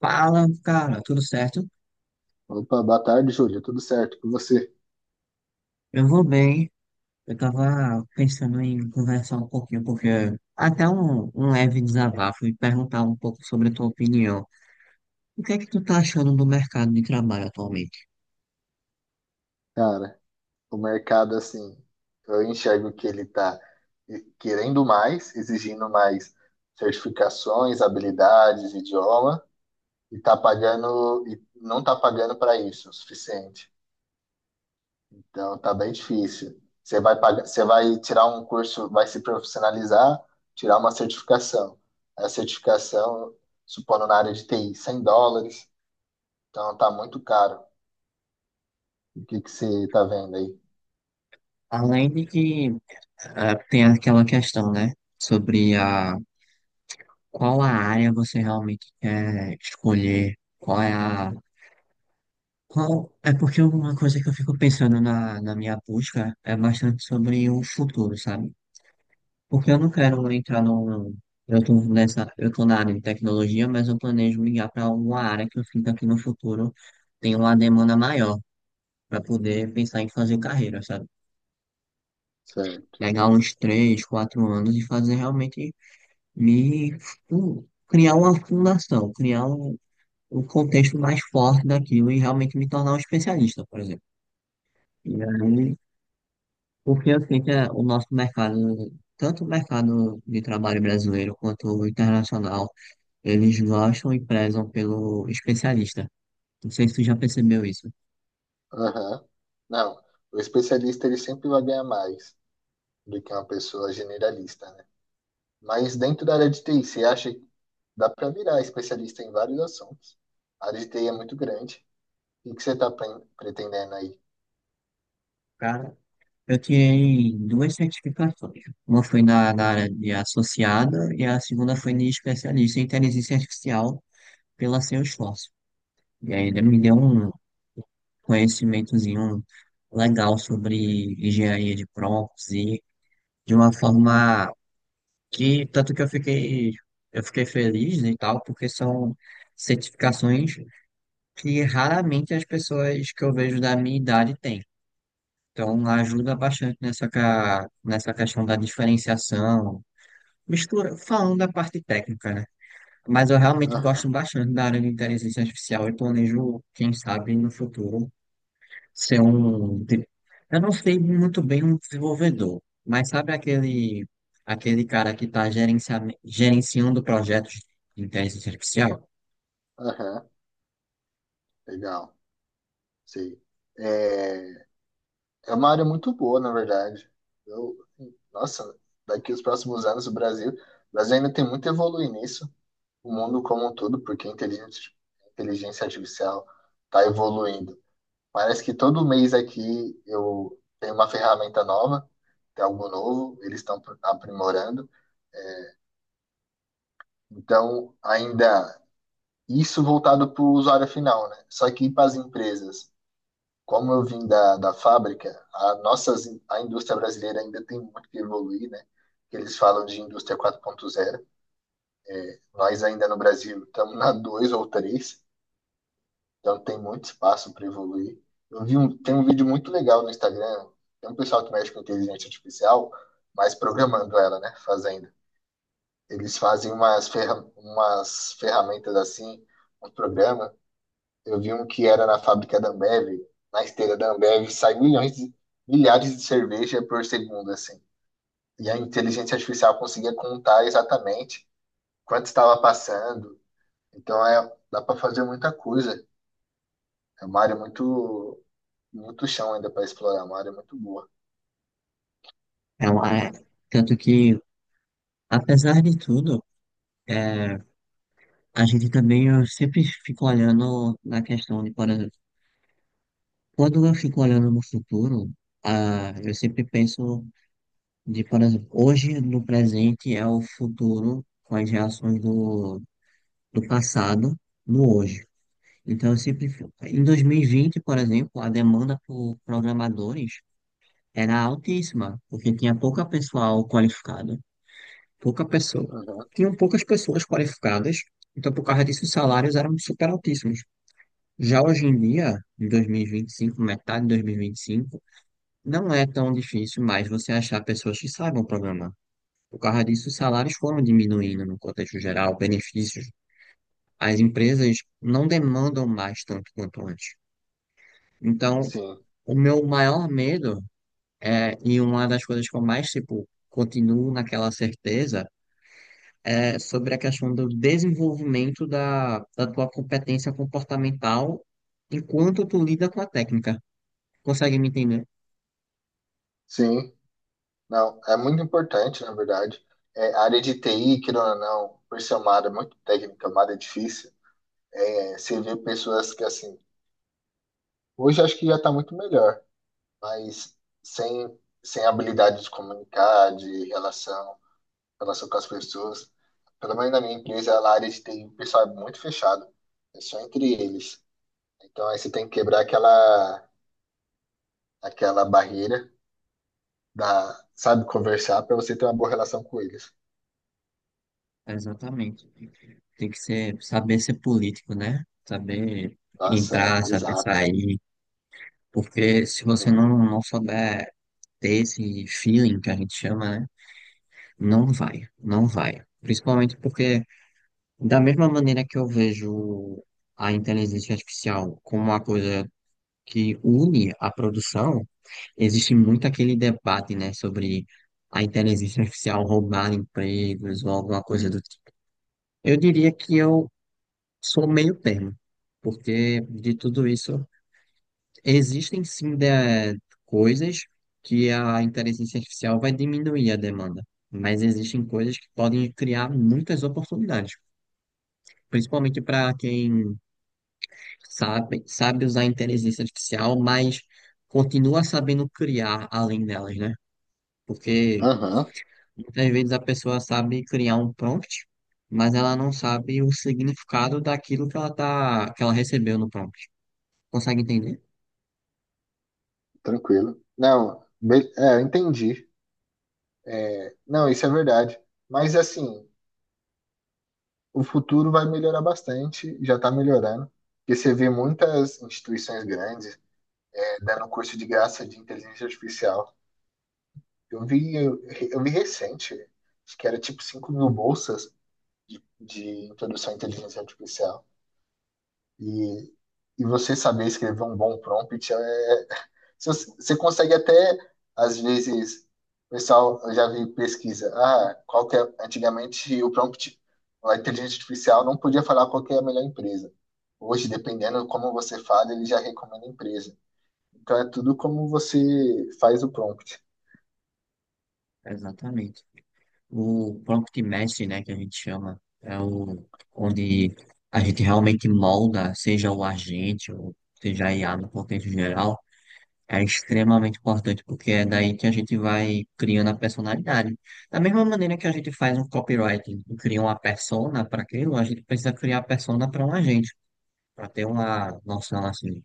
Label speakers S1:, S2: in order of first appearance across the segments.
S1: Fala, cara, tudo certo?
S2: Opa, boa tarde, Júlio. Tudo certo com você?
S1: Eu vou bem. Eu tava pensando em conversar um pouquinho, porque até um leve desabafo e perguntar um pouco sobre a tua opinião. O que é que tu tá achando do mercado de trabalho atualmente?
S2: Cara, o mercado, assim, eu enxergo que ele está querendo mais, exigindo mais certificações, habilidades, idioma, e tá pagando, e não tá pagando para isso o suficiente. Então, tá bem difícil. Você vai pagar, você vai tirar um curso, vai se profissionalizar, tirar uma certificação. A certificação, supondo na área de TI, US$ 100. Então, tá muito caro. O que que você tá vendo aí?
S1: Além de que tem aquela questão, né, sobre a qual a área você realmente quer escolher, qual é a... Qual, é porque uma coisa que eu fico pensando na minha busca é bastante sobre o futuro, sabe? Porque eu não quero entrar num. Eu tô nessa, eu tô na área de tecnologia, mas eu planejo migrar para alguma área que eu sinta que no futuro tem uma demanda maior para poder pensar em fazer carreira, sabe?
S2: Certo.
S1: Pegar uns três, quatro anos e fazer realmente me criar uma fundação, criar um contexto mais forte daquilo e realmente me tornar um especialista, por exemplo. E aí, porque eu sinto que é o nosso mercado, tanto o mercado de trabalho brasileiro quanto o internacional. Eles gostam e prezam pelo especialista. Não sei se tu já percebeu isso.
S2: Aham. Não, o especialista ele sempre vai ganhar mais do que uma pessoa generalista, né? Mas dentro da área de TI, você acha que dá para virar especialista em vários assuntos? A área de TI é muito grande. O que você está pretendendo aí?
S1: Cara, eu tirei duas certificações. Uma foi na área de associada e a segunda foi de especialista em inteligência artificial pela Salesforce. E ainda me deu um conhecimentozinho legal sobre engenharia de prompts e de uma forma que tanto que eu fiquei feliz, né, e tal, porque são certificações que raramente as pessoas que eu vejo da minha idade têm. Então, ajuda bastante nessa, nessa questão da diferenciação, mistura, falando da parte técnica, né? Mas eu realmente gosto
S2: Aham,
S1: bastante da área de inteligência artificial e planejo, quem sabe, no futuro, ser um. Eu não sei muito bem, um desenvolvedor, mas sabe aquele, aquele cara que está gerenciando projetos de inteligência artificial?
S2: aham, legal, sei. É, é uma área muito boa, na verdade. Eu, nossa, daqui os próximos anos o Brasil ainda tem muito a evoluir nisso, o mundo como um todo, porque a inteligência artificial está evoluindo. Parece que todo mês aqui eu tenho uma ferramenta nova, tem algo novo, eles estão aprimorando. Então, ainda isso voltado para o usuário final, né? Só que para as empresas, como eu vim da fábrica, a nossas, a indústria brasileira ainda tem muito que evoluir, né? Eles falam de indústria 4.0. Nós ainda no Brasil estamos na 2 ou três. Então tem muito espaço para evoluir. Eu vi um, tem um vídeo muito legal no Instagram. Tem um pessoal que mexe com inteligência artificial, mas programando ela, né? Fazendo. Eles fazem umas, ferra, umas ferramentas assim, um programa. Eu vi um que era na fábrica da Ambev, na esteira da Ambev, sai milhões, de- milhares de cerveja por segundo, assim. E a inteligência artificial conseguia contar exatamente quanto estava passando. Então é, dá para fazer muita coisa. É uma área muito. Muito chão ainda para explorar, uma área muito boa.
S1: É uma- Tanto que, apesar de tudo, é, a gente também, eu sempre fico olhando na questão de, por exemplo, quando eu fico olhando no futuro, ah, eu sempre penso de, por exemplo, hoje no presente é o futuro com as reações do passado no hoje. Então, eu sempre, em 2020, por exemplo, a demanda por programadores era altíssima, porque tinha pouca pessoal qualificada, pouca pessoa.
S2: Uhum.
S1: Tinham poucas pessoas qualificadas, então por causa disso os salários eram super altíssimos. Já hoje em dia, em 2025, metade de 2025, não é tão difícil mais você achar pessoas que saibam programar. Por causa disso, os salários foram diminuindo no contexto geral, benefícios. As empresas não demandam mais tanto quanto antes. Então,
S2: Sim,
S1: o meu maior medo é, e uma das coisas que eu mais, tipo, continuo naquela certeza, é sobre a questão do desenvolvimento da tua competência comportamental enquanto tu lida com a técnica. Consegue me entender?
S2: sim. Não, é muito importante, na verdade. É, a área de TI, querendo ou não, por ser uma área muito técnica, uma área difícil, é, você vê pessoas que, assim, hoje acho que já está muito melhor, mas sem, sem habilidade de comunicar, de relação, relação com as pessoas. Pelo menos na minha empresa, a área de TI, o pessoal é muito fechado, é só entre eles. Então, aí você tem que quebrar aquela, aquela barreira da, sabe, conversar para você ter uma boa relação com eles.
S1: Exatamente. Tem que ser, saber ser político, né? Saber
S2: Nossa,
S1: entrar,
S2: é,
S1: saber
S2: exato.
S1: sair. Porque se você não souber ter esse feeling que a gente chama, né? Não vai, não vai. Principalmente porque, da mesma maneira que eu vejo a inteligência artificial como uma coisa que une a produção, existe muito aquele debate, né, sobre a inteligência artificial roubar empregos ou alguma coisa do... Eu diria que eu sou meio termo, porque de tudo isso existem sim coisas que a inteligência artificial vai diminuir a demanda, mas existem coisas que podem criar muitas oportunidades, principalmente para quem sabe usar a inteligência artificial, mas continua sabendo criar além delas, né? Porque
S2: Aham,
S1: muitas vezes a pessoa sabe criar um prompt, mas ela não sabe o significado daquilo que ela recebeu no prompt. Consegue entender?
S2: tranquilo. Não, be- é, eu entendi. Não, isso é verdade. Mas assim, o futuro vai melhorar bastante, já está melhorando. Porque você vê muitas instituições grandes é, dando curso de graça de inteligência artificial. Eu vi, eu, eu vi recente, acho que era tipo 5.000 bolsas de introdução à inteligência artificial. E, e você saber escrever um bom prompt é, se você consegue até, às vezes, o pessoal, eu já vi pesquisa, ah, qual que é, antigamente o prompt, a inteligência artificial não podia falar qual que é a melhor empresa. Hoje, dependendo de como você fala, ele já recomenda a empresa. Então é tudo como você faz o prompt.
S1: Exatamente. O prompt mestre, né, que a gente chama, é o onde a gente realmente molda, seja o agente ou seja a IA no contexto geral, é extremamente importante porque é daí que a gente vai criando a personalidade. Da mesma maneira que a gente faz um copywriting e cria uma persona para aquilo, a gente precisa criar a persona para um agente, para ter uma noção assim.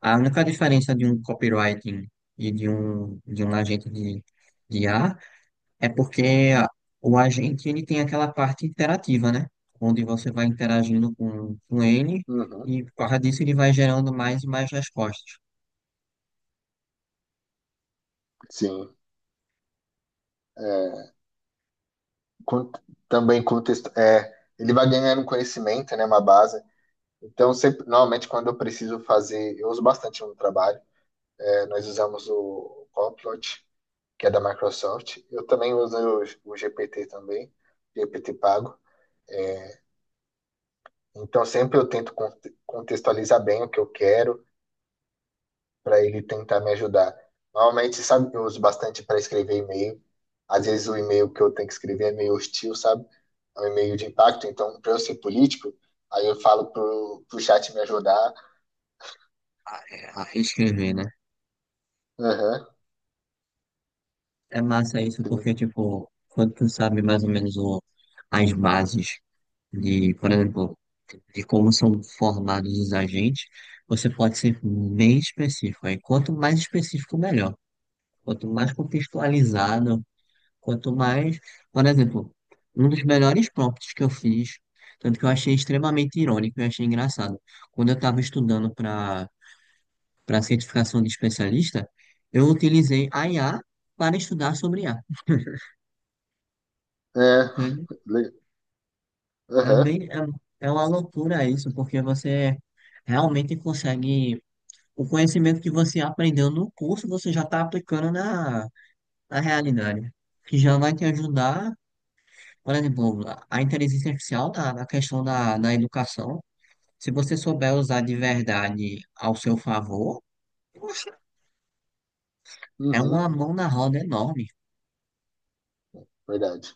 S1: A única diferença de um copywriting e de um agente de IA. É porque a- o agente ele tem aquela parte interativa, né? Onde você vai interagindo com ele
S2: Uhum,
S1: e por causa disso ele vai gerando mais e mais respostas
S2: sim. É, con- também contexto, é, ele vai ganhando conhecimento, né, uma base. Então, sempre, normalmente, quando eu preciso fazer, eu uso bastante no trabalho, é, nós usamos o Copilot, que é da Microsoft. Eu também uso o GPT também, GPT pago. Então sempre eu tento conte- contextualizar bem o que eu quero para ele tentar me ajudar. Normalmente, sabe, eu uso bastante para escrever e-mail. Às vezes o e-mail que eu tenho que escrever é meio hostil, sabe? É um e-mail de impacto. Então, para eu ser político, aí eu falo pro, pro chat me ajudar.
S1: a escrever, né?
S2: Aham,
S1: É massa isso
S2: sim.
S1: porque, tipo, quando tu sabe mais ou menos o, as bases de, por exemplo, de como são formados os agentes, você pode ser bem específico. Aí quanto mais específico, melhor. Quanto mais contextualizado. Quanto mais, por exemplo, um dos melhores prompts que eu fiz, tanto que eu achei extremamente irônico e achei engraçado. Quando eu estava estudando para certificação de especialista, eu utilizei a IA para estudar sobre IA.
S2: É,
S1: Entende?
S2: le-
S1: É
S2: aham,
S1: bem, é uma loucura isso, porque você realmente consegue o conhecimento que você aprendeu no curso, você já está aplicando na realidade, que já vai te ajudar. Por exemplo, a inteligência artificial na questão da educação, se você souber usar de verdade ao seu favor, poxa, é uma
S2: uhum,
S1: mão na roda enorme.
S2: verdade.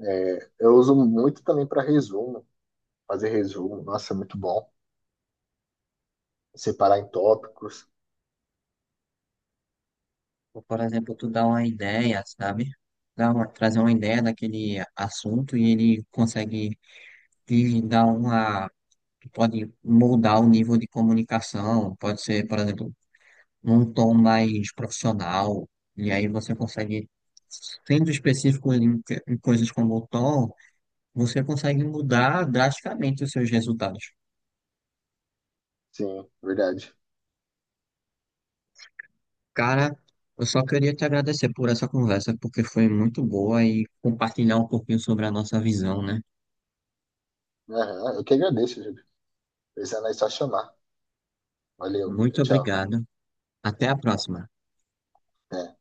S2: É, eu uso muito também para resumo, fazer resumo. Nossa, é muito bom. Separar em tópicos.
S1: Ou, por exemplo, tu dá uma ideia, sabe? Trazer uma ideia daquele assunto e ele consegue te dar uma. Pode moldar o nível de comunicação, pode ser, por exemplo, num tom mais profissional, e aí você consegue, sendo específico em coisas como o tom. Você consegue mudar drasticamente os seus resultados.
S2: Sim, verdade.
S1: Cara, eu só queria te agradecer por essa conversa, porque foi muito boa e compartilhar um pouquinho sobre a nossa visão, né?
S2: Aham, eu que agradeço, Júlio. Precisando é só chamar. Valeu,
S1: Muito
S2: tchau, tchau.
S1: obrigado. Até a próxima.
S2: É.